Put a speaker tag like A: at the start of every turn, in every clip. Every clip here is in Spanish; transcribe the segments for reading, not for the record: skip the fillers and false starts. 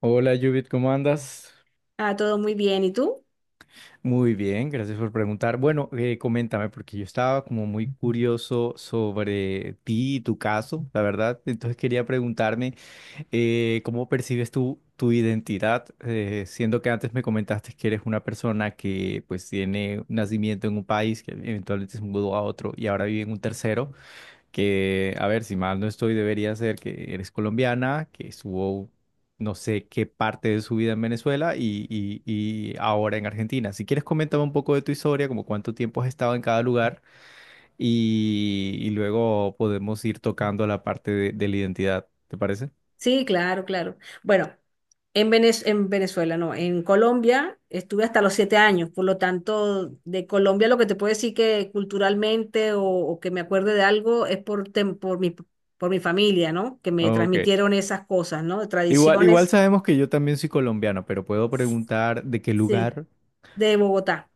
A: Hola Judith, ¿cómo andas?
B: Todo muy bien. ¿Y tú?
A: Muy bien, gracias por preguntar. Bueno, coméntame, porque yo estaba como muy curioso sobre ti y tu caso, la verdad. Entonces quería preguntarme, ¿cómo percibes tú tu identidad? Siendo que antes me comentaste que eres una persona que pues tiene un nacimiento en un país, que eventualmente se mudó a otro y ahora vive en un tercero que, a ver, si mal no estoy, debería ser que eres colombiana, que estuvo no sé qué parte de su vida en Venezuela y ahora en Argentina. Si quieres, coméntame un poco de tu historia, como cuánto tiempo has estado en cada lugar y luego podemos ir tocando la parte de la identidad, ¿te parece?
B: Sí, claro, claro. Bueno, en Venezuela, no, en Colombia estuve hasta los 7 años, por lo tanto, de Colombia lo que te puedo decir que culturalmente o que me acuerde de algo es por mi familia, ¿no? Que me
A: Ok.
B: transmitieron esas cosas, ¿no?
A: Igual, igual
B: Tradiciones.
A: sabemos que yo también soy colombiano, pero puedo preguntar de qué
B: Sí,
A: lugar.
B: de Bogotá.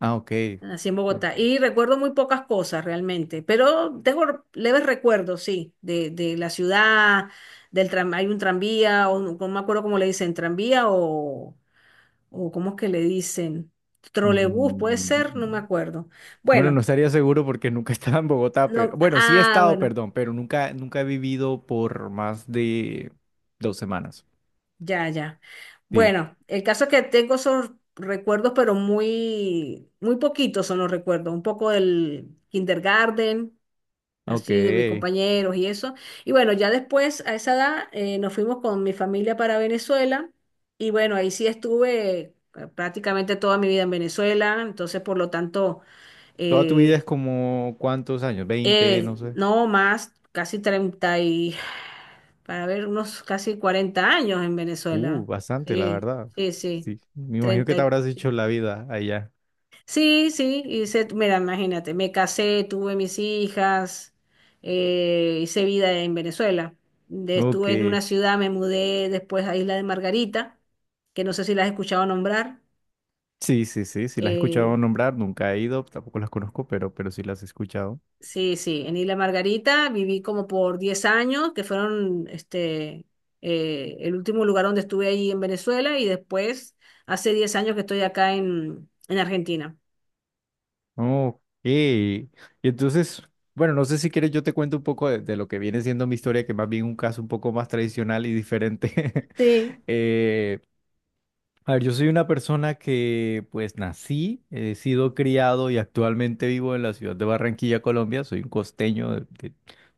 A: Ah, ok.
B: Así en Bogotá
A: Ok.
B: y recuerdo muy pocas cosas realmente, pero tengo leves recuerdos, sí, de la ciudad, del tram, hay un tranvía, o no, no me acuerdo cómo le dicen, tranvía o cómo es que le dicen, trolebús, puede
A: Mm.
B: ser, no me acuerdo.
A: Bueno, no
B: Bueno,
A: estaría seguro porque nunca he estado en Bogotá, pero
B: no,
A: bueno, sí he
B: ah,
A: estado,
B: bueno,
A: perdón, pero nunca, nunca he vivido por más de dos semanas.
B: ya, ya.
A: Sí.
B: Bueno, el caso es que tengo esos recuerdos, pero muy, muy poquitos son los recuerdos, un poco del kindergarten
A: Ok.
B: así de mis compañeros y eso. Y bueno, ya después, a esa edad, nos fuimos con mi familia para Venezuela y bueno, ahí sí estuve prácticamente toda mi vida en Venezuela, entonces por lo tanto,
A: Toda tu vida
B: eh,
A: es como cuántos años, veinte, no sé.
B: no más, casi 30 y, para ver, unos casi 40 años en Venezuela.
A: Bastante, la
B: Sí,
A: verdad.
B: sí, sí,
A: Sí. Me imagino que
B: treinta.
A: te habrás hecho la vida allá.
B: Sí, sí, hice, mira, imagínate, me casé, tuve mis hijas, hice vida en Venezuela.
A: Ok.
B: Estuve en una ciudad, me mudé después a Isla de Margarita, que no sé si la has escuchado nombrar.
A: Sí, sí, sí, sí las he escuchado
B: Eh,
A: nombrar, nunca he ido, tampoco las conozco, pero sí las he escuchado.
B: sí, sí, en Isla Margarita viví como por 10 años, que fueron este, el último lugar donde estuve ahí en Venezuela y después hace 10 años que estoy acá en Argentina.
A: Ok. Y entonces, bueno, no sé si quieres, yo te cuento un poco de lo que viene siendo mi historia, que más bien un caso un poco más tradicional y diferente.
B: Sí,
A: Eh, a ver, yo soy una persona que pues nací, he sido criado y actualmente vivo en la ciudad de Barranquilla, Colombia. Soy un costeño de,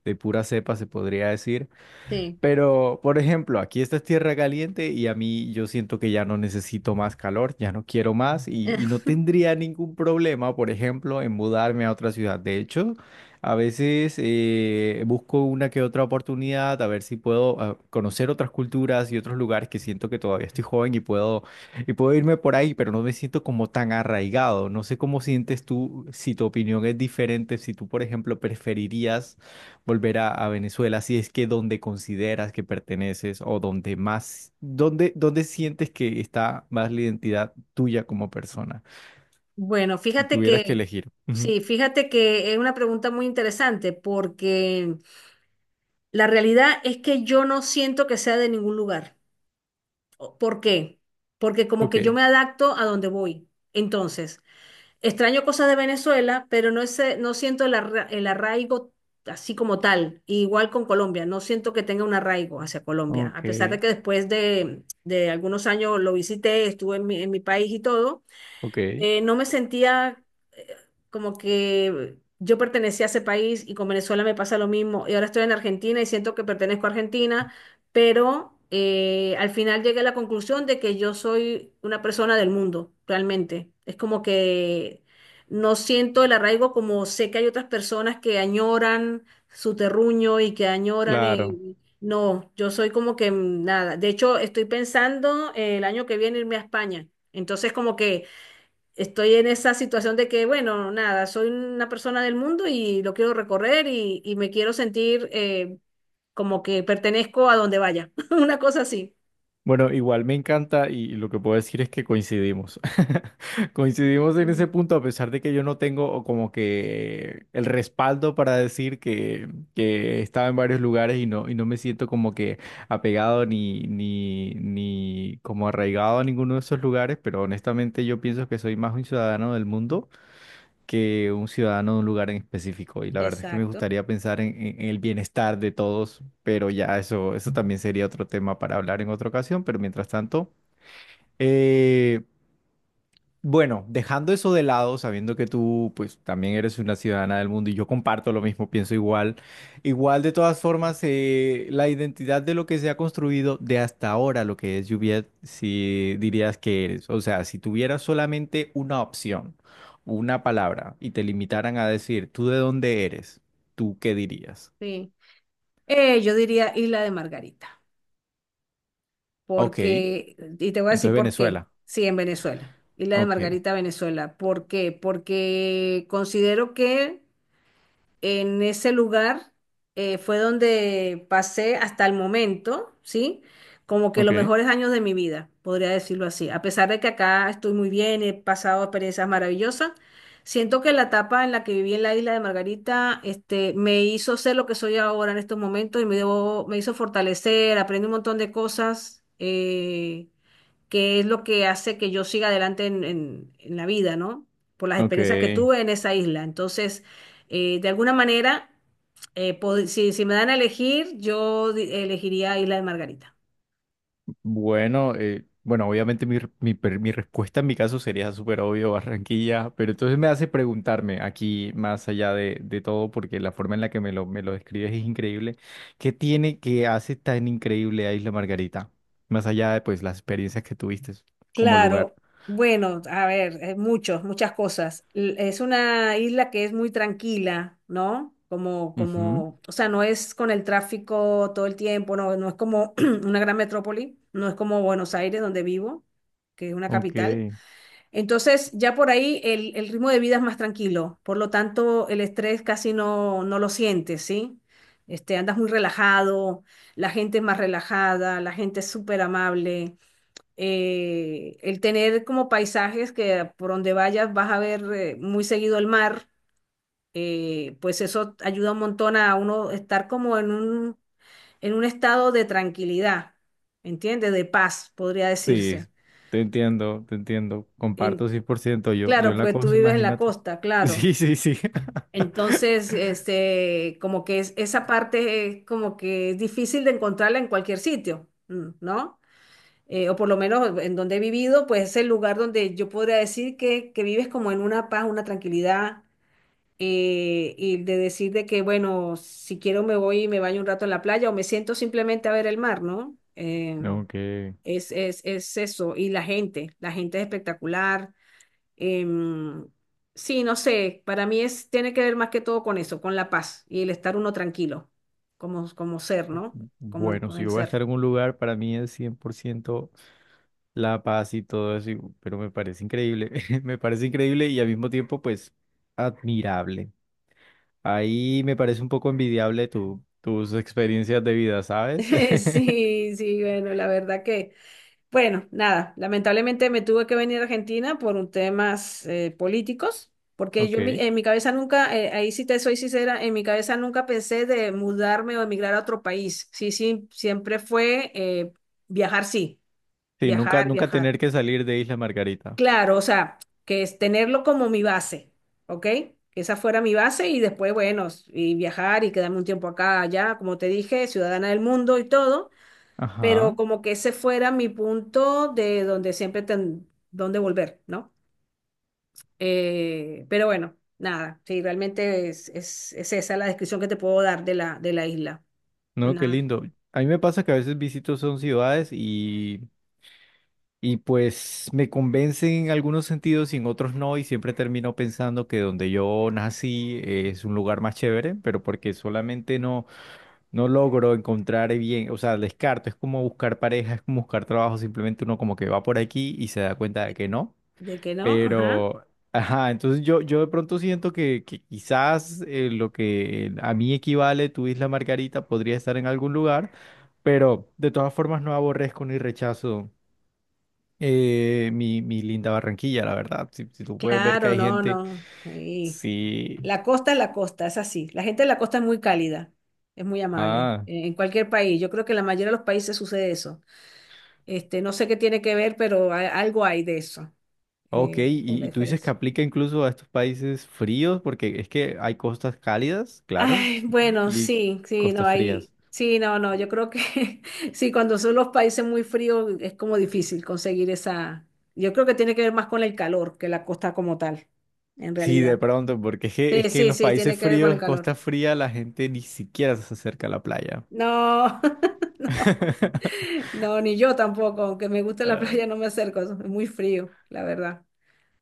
A: de pura cepa, se podría decir.
B: sí.
A: Pero, por ejemplo, aquí esta es tierra caliente y a mí yo siento que ya no necesito más calor, ya no quiero más y no tendría ningún problema, por ejemplo, en mudarme a otra ciudad. De hecho, a veces busco una que otra oportunidad a ver si puedo conocer otras culturas y otros lugares que siento que todavía estoy joven y puedo irme por ahí, pero no me siento como tan arraigado. No sé cómo sientes tú, si tu opinión es diferente, si tú, por ejemplo, preferirías volver a Venezuela, si es que donde consideras que perteneces o donde más, donde, donde sientes que está más la identidad tuya como persona,
B: Bueno,
A: si
B: fíjate
A: tuvieras
B: que,
A: que elegir. Ujú.
B: sí, fíjate que es una pregunta muy interesante porque la realidad es que yo no siento que sea de ningún lugar. ¿Por qué? Porque como que yo
A: Ok,
B: me adapto a donde voy. Entonces, extraño cosas de Venezuela, pero no, no siento el arraigo así como tal. Igual con Colombia, no siento que tenga un arraigo hacia Colombia,
A: ok,
B: a pesar de que después de algunos años lo visité, estuve en mi país y todo,
A: ok,
B: no me sentía eh, como que yo pertenecía a ese país y con Venezuela me pasa lo mismo. Y ahora estoy en Argentina y siento que pertenezco a Argentina, pero al final llegué a la conclusión de que yo soy una persona del mundo, realmente. Es como que no siento el arraigo como sé que hay otras personas que añoran su terruño y que añoran
A: claro.
B: no, yo soy como que nada. De hecho, estoy pensando el año que viene irme a España. Entonces, como que estoy en esa situación de que, bueno, nada, soy una persona del mundo y lo quiero recorrer y me quiero sentir como que pertenezco a donde vaya, una cosa así.
A: Bueno, igual me encanta y lo que puedo decir es que coincidimos. Coincidimos en ese
B: Mm,
A: punto a pesar de que yo no tengo como que el respaldo para decir que estaba en varios lugares y no me siento como que apegado ni como arraigado a ninguno de esos lugares, pero honestamente yo pienso que soy más un ciudadano del mundo que un ciudadano de un lugar en específico. Y la verdad es que me
B: exacto,
A: gustaría pensar en, en el bienestar de todos, pero ya eso también sería otro tema para hablar en otra ocasión. Pero mientras tanto, eh, bueno, dejando eso de lado, sabiendo que tú pues también eres una ciudadana del mundo y yo comparto lo mismo, pienso igual, igual de todas formas la identidad de lo que se ha construido de hasta ahora, lo que es Juliet, si dirías que eres, o sea, si tuvieras solamente una opción, una palabra y te limitaran a decir tú de dónde eres, ¿tú qué dirías?
B: sí. Yo diría Isla de Margarita,
A: Ok,
B: porque, y te voy a decir
A: entonces
B: por qué,
A: Venezuela.
B: sí, en Venezuela, Isla de
A: Ok,
B: Margarita, Venezuela, ¿por qué? Porque considero que en ese lugar fue donde pasé hasta el momento, ¿sí? Como que los
A: ok,
B: mejores años de mi vida, podría decirlo así. A pesar de que acá estoy muy bien, he pasado experiencias maravillosas, siento que la etapa en la que viví en la isla de Margarita, este, me hizo ser lo que soy ahora en estos momentos y me hizo fortalecer, aprendí un montón de cosas, que es lo que hace que yo siga adelante en la vida, ¿no? Por las
A: ok.
B: experiencias que tuve en esa isla. Entonces, de alguna manera, si me dan a elegir, yo elegiría Isla de Margarita.
A: Bueno, bueno, obviamente mi respuesta en mi caso sería súper obvio, Barranquilla, pero entonces me hace preguntarme aquí, más allá de todo, porque la forma en la que me lo describes es increíble, ¿qué tiene que hace tan increíble a Isla Margarita? Más allá de pues las experiencias que tuviste como lugar.
B: Claro, bueno, a ver, muchos, muchas cosas. Es una isla que es muy tranquila, ¿no?
A: Ujú.
B: O sea, no es con el tráfico todo el tiempo, no, no es como una gran metrópoli, no es como Buenos Aires, donde vivo, que es una
A: Ok,
B: capital. Entonces, ya por ahí el ritmo de vida es más tranquilo, por lo tanto, el estrés casi no, no lo sientes, ¿sí? Este, andas muy relajado, la gente es más relajada, la gente es súper amable. El tener como paisajes que por donde vayas vas a ver muy seguido el mar, pues eso ayuda un montón a uno estar como en un estado de tranquilidad, ¿entiendes? De paz, podría
A: sí,
B: decirse.
A: te entiendo,
B: En-
A: comparto 100%. Yo
B: claro,
A: en la
B: porque tú
A: cosa,
B: vives en la
A: imagínate.
B: costa, claro.
A: Sí, sí, sí.
B: Entonces, este, como que es, esa parte es como que es difícil de encontrarla en cualquier sitio, ¿no? O por lo menos en donde he vivido, pues es el lugar donde yo podría decir que vives como en una paz, una tranquilidad, y de decir de que, bueno, si quiero me voy y me baño un rato en la playa o me siento simplemente a ver el mar, ¿no? Eh,
A: Ok.
B: es, es, es eso. Y la gente es espectacular. Em, sí, no sé, para mí es, tiene que ver más que todo con eso, con la paz y el estar uno tranquilo, como ser, ¿no? Como
A: Bueno,
B: con
A: si
B: el
A: yo voy a
B: ser.
A: estar en un lugar, para mí es 100% la paz y todo eso, pero me parece increíble, me parece increíble y al mismo tiempo, pues, admirable. Ahí me parece un poco envidiable tu, tus experiencias de vida, ¿sabes?
B: Sí, sí, bueno, la verdad que, bueno, nada, lamentablemente me tuve que venir a Argentina por un temas políticos, porque yo en mi,
A: Ok.
B: en mi cabeza nunca, ahí sí te soy sincera, en mi cabeza nunca pensé de mudarme o emigrar a otro país. Sí, sí, siempre fue viajar, sí,
A: Sí, nunca,
B: viajar,
A: nunca
B: viajar.
A: tener que salir de Isla Margarita.
B: Claro, o sea, que es tenerlo como mi base, ¿ok? Que esa fuera mi base y después, bueno, y viajar y quedarme un tiempo acá, allá, como te dije, ciudadana del mundo y todo, pero
A: Ajá.
B: como que ese fuera mi punto de donde siempre donde volver, ¿no? Pero bueno, nada, sí, realmente es esa la descripción que te puedo dar de la isla.
A: No, qué
B: Una.
A: lindo. A mí me pasa que a veces visito son ciudades y pues me convence en algunos sentidos y en otros no, y siempre termino pensando que donde yo nací es un lugar más chévere, pero porque solamente no, no logro encontrar bien, o sea, descarto, es como buscar pareja, es como buscar trabajo, simplemente uno como que va por aquí y se da cuenta de que no,
B: De que no, ajá.
A: pero, ajá, entonces yo de pronto siento que quizás lo que a mí equivale tu Isla Margarita podría estar en algún lugar, pero de todas formas no aborrezco ni rechazo mi, mi linda Barranquilla, la verdad. Si, si tú puedes ver que
B: Claro,
A: hay
B: no,
A: gente,
B: no. Sí.
A: sí.
B: La costa, es así. La gente de la costa es muy cálida, es muy amable,
A: Ah,
B: en cualquier país. Yo creo que en la mayoría de los países sucede eso. Este, no sé qué tiene que ver, pero algo hay de eso,
A: ok.
B: por la
A: Y tú dices que
B: diferencia.
A: aplica incluso a estos países fríos, porque es que hay costas cálidas, claro,
B: Ay,
A: ujú,
B: bueno,
A: y
B: sí, sí, no,
A: costas
B: hay,
A: frías.
B: sí, no, no, yo creo que sí, cuando son los países muy fríos es como difícil conseguir esa, yo creo que tiene que ver más con el calor que la costa como tal, en
A: Sí, de
B: realidad.
A: pronto, porque es
B: Sí,
A: que en
B: sí,
A: los
B: sí,
A: países
B: tiene que ver con el
A: fríos,
B: calor.
A: costa fría, la gente ni siquiera se acerca a la playa.
B: No, no. No, ni yo tampoco, aunque me guste la
A: Ah,
B: playa, no me acerco, es muy frío, la verdad.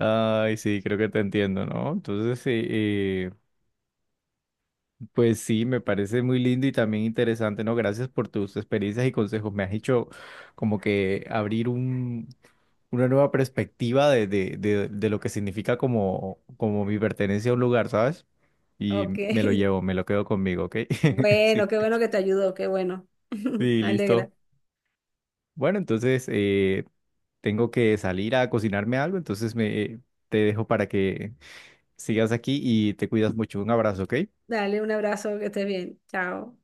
A: ay, sí, creo que te entiendo, ¿no? Entonces, sí. Pues sí, me parece muy lindo y también interesante, ¿no? Gracias por tus experiencias y consejos. Me has hecho como que abrir un, una nueva perspectiva de lo que significa como, como mi pertenencia a un lugar, ¿sabes? Y
B: Ok,
A: me lo llevo, me lo quedo conmigo, ¿ok?
B: bueno,
A: Sí,
B: qué bueno que te ayudó, qué bueno.
A: sí,
B: Me alegra.
A: listo. Bueno, entonces tengo que salir a cocinarme algo, entonces me, te dejo para que sigas aquí y te cuidas mucho. Un abrazo, ¿ok?
B: Dale un abrazo, que estés bien. Chao.